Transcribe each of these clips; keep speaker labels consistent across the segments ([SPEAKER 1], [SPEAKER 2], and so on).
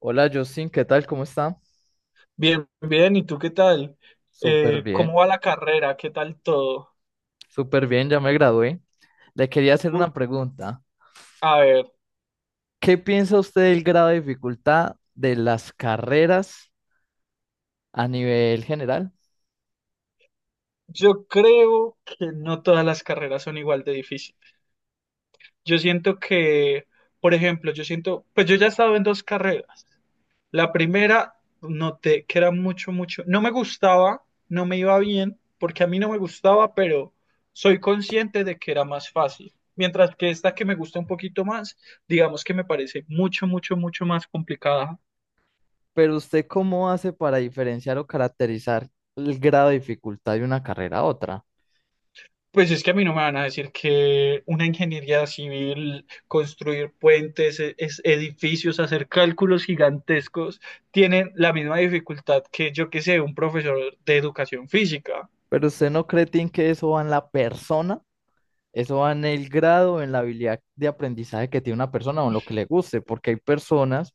[SPEAKER 1] Hola Justin, ¿qué tal? ¿Cómo está?
[SPEAKER 2] Bien, bien, ¿y tú qué tal?
[SPEAKER 1] Súper
[SPEAKER 2] ¿Cómo
[SPEAKER 1] bien,
[SPEAKER 2] va la carrera? ¿Qué tal todo?
[SPEAKER 1] súper bien, ya me gradué. Le quería hacer
[SPEAKER 2] U-
[SPEAKER 1] una pregunta.
[SPEAKER 2] a ver,
[SPEAKER 1] ¿Qué piensa usted del grado de dificultad de las carreras a nivel general?
[SPEAKER 2] yo creo que no todas las carreras son igual de difíciles. Yo siento que, por ejemplo, yo siento, pues yo ya he estado en dos carreras. La primera noté que era mucho, mucho, no me gustaba, no me iba bien, porque a mí no me gustaba, pero soy consciente de que era más fácil. Mientras que esta que me gusta un poquito más, digamos que me parece mucho, mucho, mucho más complicada.
[SPEAKER 1] Pero usted, ¿cómo hace para diferenciar o caracterizar el grado de dificultad de una carrera a otra?
[SPEAKER 2] Pues es que a mí no me van a decir que una ingeniería civil, construir puentes, edificios, hacer cálculos gigantescos, tienen la misma dificultad que yo que sé, un profesor de educación física.
[SPEAKER 1] Pero usted no cree, Tim, ¿que eso va en la persona? Eso va en el grado, en la habilidad de aprendizaje que tiene una persona o en lo que le guste, porque hay personas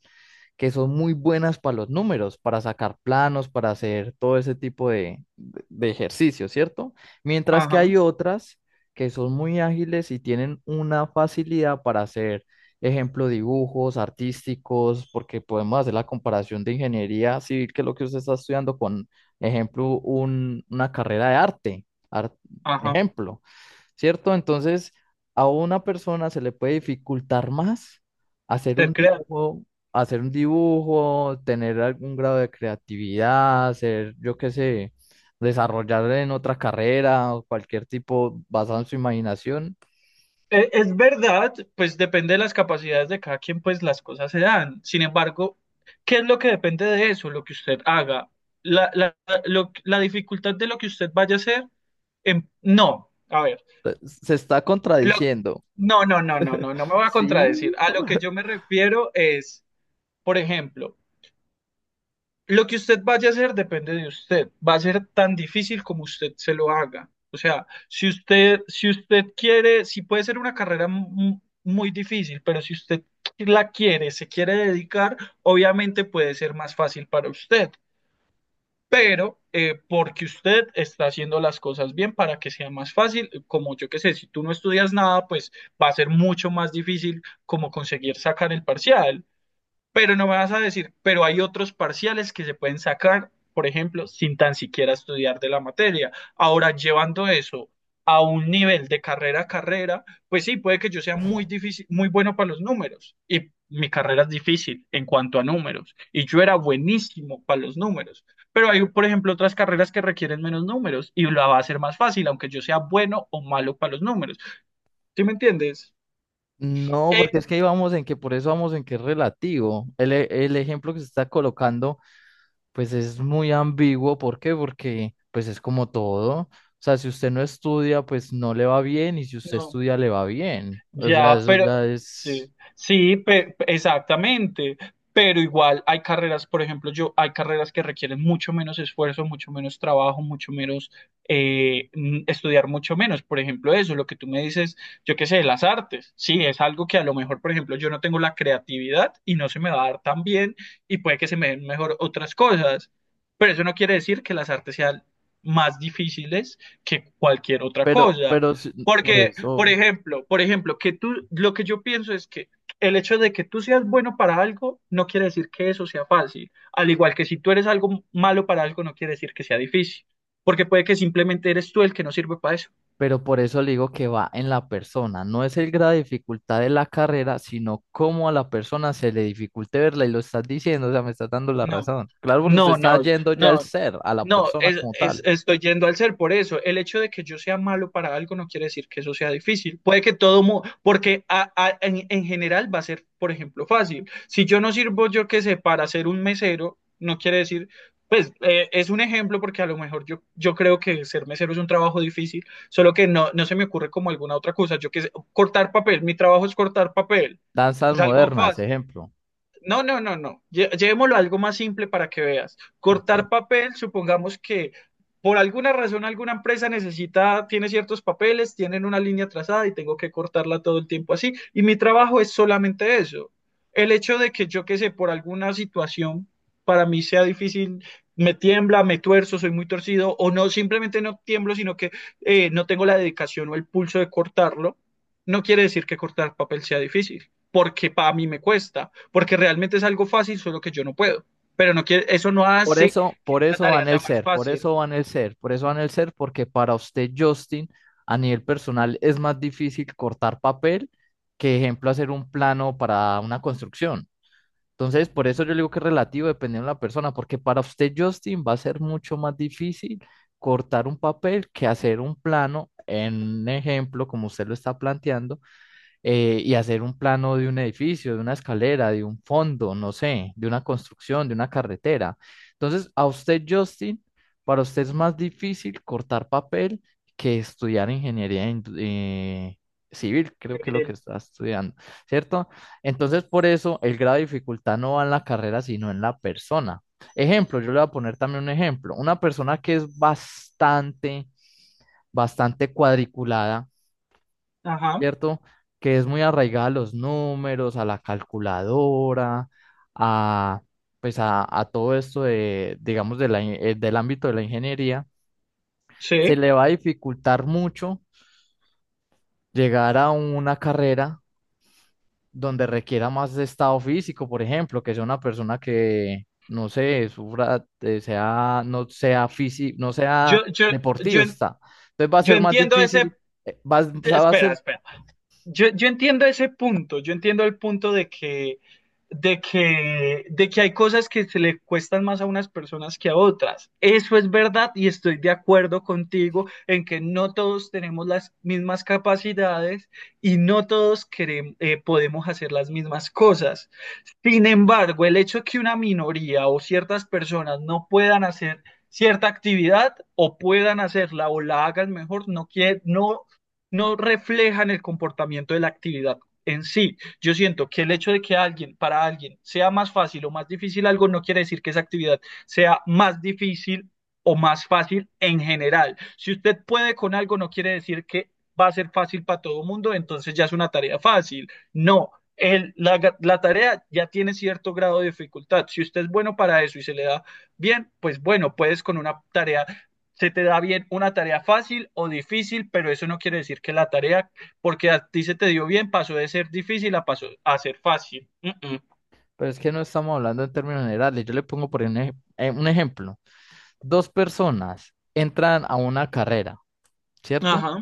[SPEAKER 1] que son muy buenas para los números, para sacar planos, para hacer todo ese tipo de, de ejercicios, ¿cierto? Mientras que
[SPEAKER 2] Ajá,
[SPEAKER 1] hay otras que son muy ágiles y tienen una facilidad para hacer, ejemplo, dibujos artísticos, porque podemos hacer la comparación de ingeniería civil, que es lo que usted está estudiando, con, ejemplo, una carrera de arte,
[SPEAKER 2] ajá,
[SPEAKER 1] ejemplo. ¿Cierto? Entonces, a una persona se le puede dificultar más hacer un
[SPEAKER 2] ser creativo.
[SPEAKER 1] dibujo, hacer un dibujo, tener algún grado de creatividad, hacer, yo qué sé, desarrollar en otra carrera o cualquier tipo basado en su imaginación.
[SPEAKER 2] Es verdad, pues depende de las capacidades de cada quien, pues las cosas se dan. Sin embargo, ¿qué es lo que depende de eso? Lo que usted haga. La, la, la dificultad de lo que usted vaya a hacer, no. A ver.
[SPEAKER 1] Se está contradiciendo.
[SPEAKER 2] No, no, no, no, no, no me voy a contradecir.
[SPEAKER 1] Sí.
[SPEAKER 2] A lo que yo me refiero es, por ejemplo, lo que usted vaya a hacer depende de usted. Va a ser tan difícil como usted se lo haga. O sea, si usted quiere, si puede ser una carrera muy difícil, pero si usted la quiere, se quiere dedicar, obviamente puede ser más fácil para usted, pero porque usted está haciendo las cosas bien para que sea más fácil, como yo que sé, si tú no estudias nada, pues va a ser mucho más difícil como conseguir sacar el parcial. Pero no me vas a decir, pero hay otros parciales que se pueden sacar, por ejemplo, sin tan siquiera estudiar de la materia. Ahora, llevando eso a un nivel de carrera a carrera, pues sí, puede que yo sea muy difícil, muy bueno para los números y mi carrera es difícil en cuanto a números y yo era buenísimo para los números, pero hay, por ejemplo, otras carreras que requieren menos números y la va a ser más fácil, aunque yo sea bueno o malo para los números. ¿Sí me entiendes?
[SPEAKER 1] No,
[SPEAKER 2] Eh,
[SPEAKER 1] porque es que ahí vamos en que por eso vamos en que es relativo. El ejemplo que se está colocando pues es muy ambiguo, ¿por qué? Porque pues es como todo. O sea, si usted no estudia, pues no le va bien, y si usted
[SPEAKER 2] no.
[SPEAKER 1] estudia, le va bien. O sea,
[SPEAKER 2] Ya,
[SPEAKER 1] eso ya
[SPEAKER 2] pero sí,
[SPEAKER 1] es...
[SPEAKER 2] sí, exactamente. Pero igual hay carreras, por ejemplo, yo hay carreras que requieren mucho menos esfuerzo, mucho menos trabajo, mucho menos estudiar mucho menos. Por ejemplo, eso, lo que tú me dices, yo qué sé, las artes. Sí, es algo que a lo mejor, por ejemplo, yo no tengo la creatividad y no se me va a dar tan bien y puede que se me den mejor otras cosas. Pero eso no quiere decir que las artes sean más difíciles que cualquier otra
[SPEAKER 1] Pero,
[SPEAKER 2] cosa.
[SPEAKER 1] pero si- por
[SPEAKER 2] Porque
[SPEAKER 1] eso,
[SPEAKER 2] por ejemplo, que tú, lo que yo pienso es que el hecho de que tú seas bueno para algo no quiere decir que eso sea fácil. Al igual que si tú eres algo malo para algo, no quiere decir que sea difícil. Porque puede que simplemente eres tú el que no sirve para eso.
[SPEAKER 1] pero por eso le digo que va en la persona. No es el grado de dificultad de la carrera, sino cómo a la persona se le dificulte verla, y lo estás diciendo, o sea, me estás dando la
[SPEAKER 2] No,
[SPEAKER 1] razón. Claro, porque usted
[SPEAKER 2] no,
[SPEAKER 1] está
[SPEAKER 2] no,
[SPEAKER 1] yendo ya al
[SPEAKER 2] no.
[SPEAKER 1] ser, a la
[SPEAKER 2] No,
[SPEAKER 1] persona como tal.
[SPEAKER 2] estoy yendo al ser por eso. El hecho de que yo sea malo para algo no quiere decir que eso sea difícil. Puede que todo, porque en general va a ser, por ejemplo, fácil. Si yo no sirvo, yo qué sé, para ser un mesero, no quiere decir, pues es un ejemplo porque a lo mejor yo, yo creo que ser mesero es un trabajo difícil, solo que no, no se me ocurre como alguna otra cosa. Yo qué sé, cortar papel, mi trabajo es cortar papel.
[SPEAKER 1] Danzas
[SPEAKER 2] Es algo
[SPEAKER 1] modernas,
[SPEAKER 2] fácil.
[SPEAKER 1] ejemplo.
[SPEAKER 2] No, no, no, no. Llevémoslo a algo más simple para que veas.
[SPEAKER 1] Ok.
[SPEAKER 2] Cortar papel, supongamos que por alguna razón alguna empresa necesita, tiene ciertos papeles, tienen una línea trazada y tengo que cortarla todo el tiempo así. Y mi trabajo es solamente eso. El hecho de que yo, qué sé, por alguna situación para mí sea difícil, me tiembla, me tuerzo, soy muy torcido, o no, simplemente no tiemblo, sino que no tengo la dedicación o el pulso de cortarlo, no quiere decir que cortar papel sea difícil, porque para mí me cuesta porque realmente es algo fácil, solo que yo no puedo. Pero no quiere, eso no hace que
[SPEAKER 1] Por
[SPEAKER 2] la
[SPEAKER 1] eso
[SPEAKER 2] tarea
[SPEAKER 1] van el
[SPEAKER 2] sea más
[SPEAKER 1] ser, por
[SPEAKER 2] fácil.
[SPEAKER 1] eso van el ser, por eso van el ser, porque para usted, Justin, a nivel personal es más difícil cortar papel que, ejemplo, hacer un plano para una construcción. Entonces, por eso yo le digo que es relativo dependiendo de la persona, porque para usted, Justin, va a ser mucho más difícil cortar un papel que hacer un plano, en un ejemplo, como usted lo está planteando, y hacer un plano de un edificio, de una escalera, de un fondo, no sé, de una construcción, de una carretera. Entonces, a usted, Justin, para usted es más difícil cortar papel que estudiar civil, creo que es lo que
[SPEAKER 2] Eh,
[SPEAKER 1] está estudiando, ¿cierto? Entonces, por eso el grado de dificultad no va en la carrera, sino en la persona. Ejemplo, yo le voy a poner también un ejemplo. Una persona que es bastante, bastante cuadriculada,
[SPEAKER 2] Ajá,
[SPEAKER 1] ¿cierto? Que es muy arraigada a los números, a la calculadora, a, pues a todo esto de, digamos, del ámbito de la ingeniería, se
[SPEAKER 2] sí.
[SPEAKER 1] le va a dificultar mucho llegar a una carrera donde requiera más de estado físico, por ejemplo, que sea una persona que, no sé, sufra, no sea físico, no sea
[SPEAKER 2] Yo, yo, yo, en-
[SPEAKER 1] deportista. Entonces va a
[SPEAKER 2] yo
[SPEAKER 1] ser más
[SPEAKER 2] entiendo ese...
[SPEAKER 1] difícil, va a
[SPEAKER 2] Espera,
[SPEAKER 1] ser
[SPEAKER 2] espera. Yo entiendo ese punto, yo entiendo el punto de que, de que hay cosas que se le cuestan más a unas personas que a otras. Eso es verdad y estoy de acuerdo contigo en que no todos tenemos las mismas capacidades y no todos podemos hacer las mismas cosas. Sin embargo, el hecho que una minoría o ciertas personas no puedan hacer cierta actividad o puedan hacerla o la hagan mejor, no quiere, no reflejan el comportamiento de la actividad en sí. Yo siento que el hecho de que alguien, para alguien, sea más fácil o más difícil algo, no quiere decir que esa actividad sea más difícil o más fácil en general. Si usted puede con algo, no quiere decir que va a ser fácil para todo el mundo, entonces ya es una tarea fácil. No, la tarea ya tiene cierto grado de dificultad. Si usted es bueno para eso y se le da bien, pues bueno, puedes con una tarea, se te da bien una tarea fácil o difícil, pero eso no quiere decir que la tarea, porque a ti se te dio bien, pasó de ser difícil a, pasó a ser fácil.
[SPEAKER 1] Pero es que no estamos hablando en términos generales. Yo le pongo por un ejemplo. Dos personas entran a una carrera,
[SPEAKER 2] Mm.
[SPEAKER 1] ¿cierto?
[SPEAKER 2] Ajá.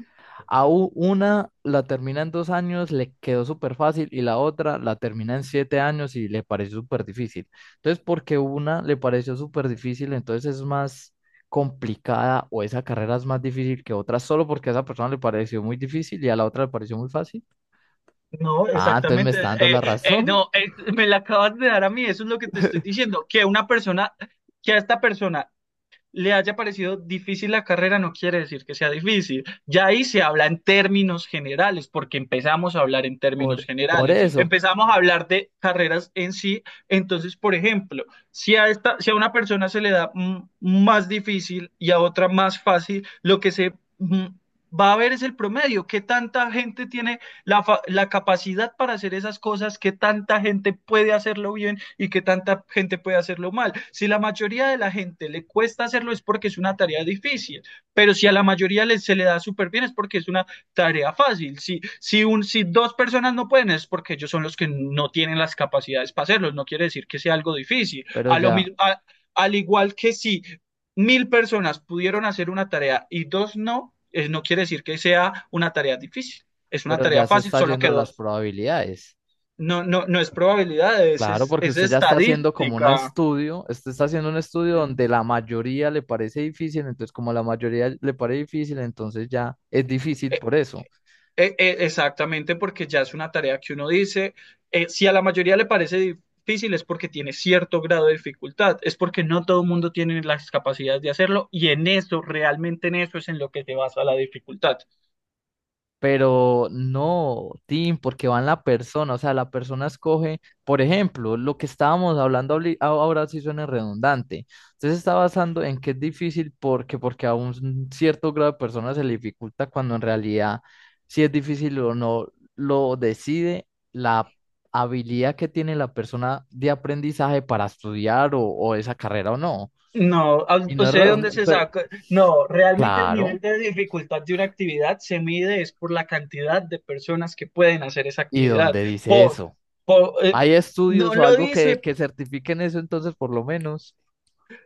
[SPEAKER 1] A una la termina en dos años, le quedó súper fácil y la otra la termina en siete años y le pareció súper difícil. Entonces, porque una le pareció súper difícil, entonces es más complicada o esa carrera es más difícil que otra solo porque a esa persona le pareció muy difícil y a la otra le pareció muy fácil.
[SPEAKER 2] No,
[SPEAKER 1] Ah, entonces me
[SPEAKER 2] exactamente.
[SPEAKER 1] está dando la razón.
[SPEAKER 2] No, me la acabas de dar a mí, eso es lo que te estoy diciendo, que una persona, que a esta persona le haya parecido difícil la carrera no quiere decir que sea difícil. Ya ahí se habla en términos generales, porque empezamos a hablar en términos
[SPEAKER 1] Por
[SPEAKER 2] generales.
[SPEAKER 1] eso,
[SPEAKER 2] Empezamos a hablar de carreras en sí. Entonces, por ejemplo, si a una persona se le da más difícil y a otra más fácil, lo que se mm, va a ver es el promedio. ¿Qué tanta gente tiene la, la capacidad para hacer esas cosas, que tanta gente puede hacerlo bien y que tanta gente puede hacerlo mal? Si la mayoría de la gente le cuesta hacerlo es porque es una tarea difícil, pero si a la mayoría se le da súper bien es porque es una tarea fácil. Si dos personas no pueden es porque ellos son los que no tienen las capacidades para hacerlo, no quiere decir que sea algo difícil.
[SPEAKER 1] pero ya.
[SPEAKER 2] A- Al igual que si 1000 personas pudieron hacer una tarea y dos no, no quiere decir que sea una tarea difícil. Es una
[SPEAKER 1] Pero
[SPEAKER 2] tarea
[SPEAKER 1] ya se
[SPEAKER 2] fácil,
[SPEAKER 1] está
[SPEAKER 2] solo que
[SPEAKER 1] yendo las
[SPEAKER 2] dos.
[SPEAKER 1] probabilidades.
[SPEAKER 2] No, no, no es probabilidades,
[SPEAKER 1] Claro, porque
[SPEAKER 2] es
[SPEAKER 1] usted ya está haciendo como un
[SPEAKER 2] estadística.
[SPEAKER 1] estudio, usted está haciendo un estudio
[SPEAKER 2] Eh,
[SPEAKER 1] donde la mayoría le parece difícil, entonces como la mayoría le parece difícil, entonces ya es difícil por eso.
[SPEAKER 2] exactamente, porque ya es una tarea que uno dice, si a la mayoría le parece difícil es porque tiene cierto grado de dificultad, es porque no todo el mundo tiene las capacidades de hacerlo y en eso, realmente en eso es en lo que se basa la dificultad.
[SPEAKER 1] Pero no, Tim, porque va en la persona, o sea, la persona escoge, por ejemplo, lo que estábamos hablando ahora sí suena redundante. Usted se está basando en que es difícil porque, porque a un cierto grado de personas se le dificulta cuando en realidad si es difícil o no, lo decide la habilidad que tiene la persona de aprendizaje para estudiar o esa carrera o no.
[SPEAKER 2] No, ¿a-
[SPEAKER 1] Y no es
[SPEAKER 2] ¿usted de dónde se
[SPEAKER 1] redundante,
[SPEAKER 2] saca? No, realmente el nivel
[SPEAKER 1] claro,
[SPEAKER 2] de dificultad de una actividad se mide es por la cantidad de personas que pueden hacer esa
[SPEAKER 1] ¿y
[SPEAKER 2] actividad.
[SPEAKER 1] dónde dice
[SPEAKER 2] Por,
[SPEAKER 1] eso?
[SPEAKER 2] por, eh,
[SPEAKER 1] Hay
[SPEAKER 2] no
[SPEAKER 1] estudios o
[SPEAKER 2] lo
[SPEAKER 1] algo
[SPEAKER 2] dice,
[SPEAKER 1] que certifiquen eso, entonces por lo menos.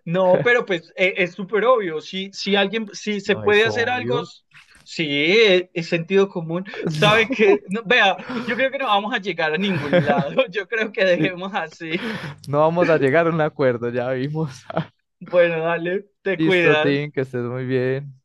[SPEAKER 2] no, pero pues es súper obvio. Si se
[SPEAKER 1] No es
[SPEAKER 2] puede hacer algo,
[SPEAKER 1] obvio.
[SPEAKER 2] sí, es, sentido común. Sabe que, no, vea, yo creo que no vamos a llegar a ningún lado. Yo creo que
[SPEAKER 1] No, sí,
[SPEAKER 2] dejemos así.
[SPEAKER 1] no vamos a llegar a un acuerdo, ya vimos.
[SPEAKER 2] Bueno, dale, te
[SPEAKER 1] Listo,
[SPEAKER 2] cuidas.
[SPEAKER 1] Tim, que estés muy bien.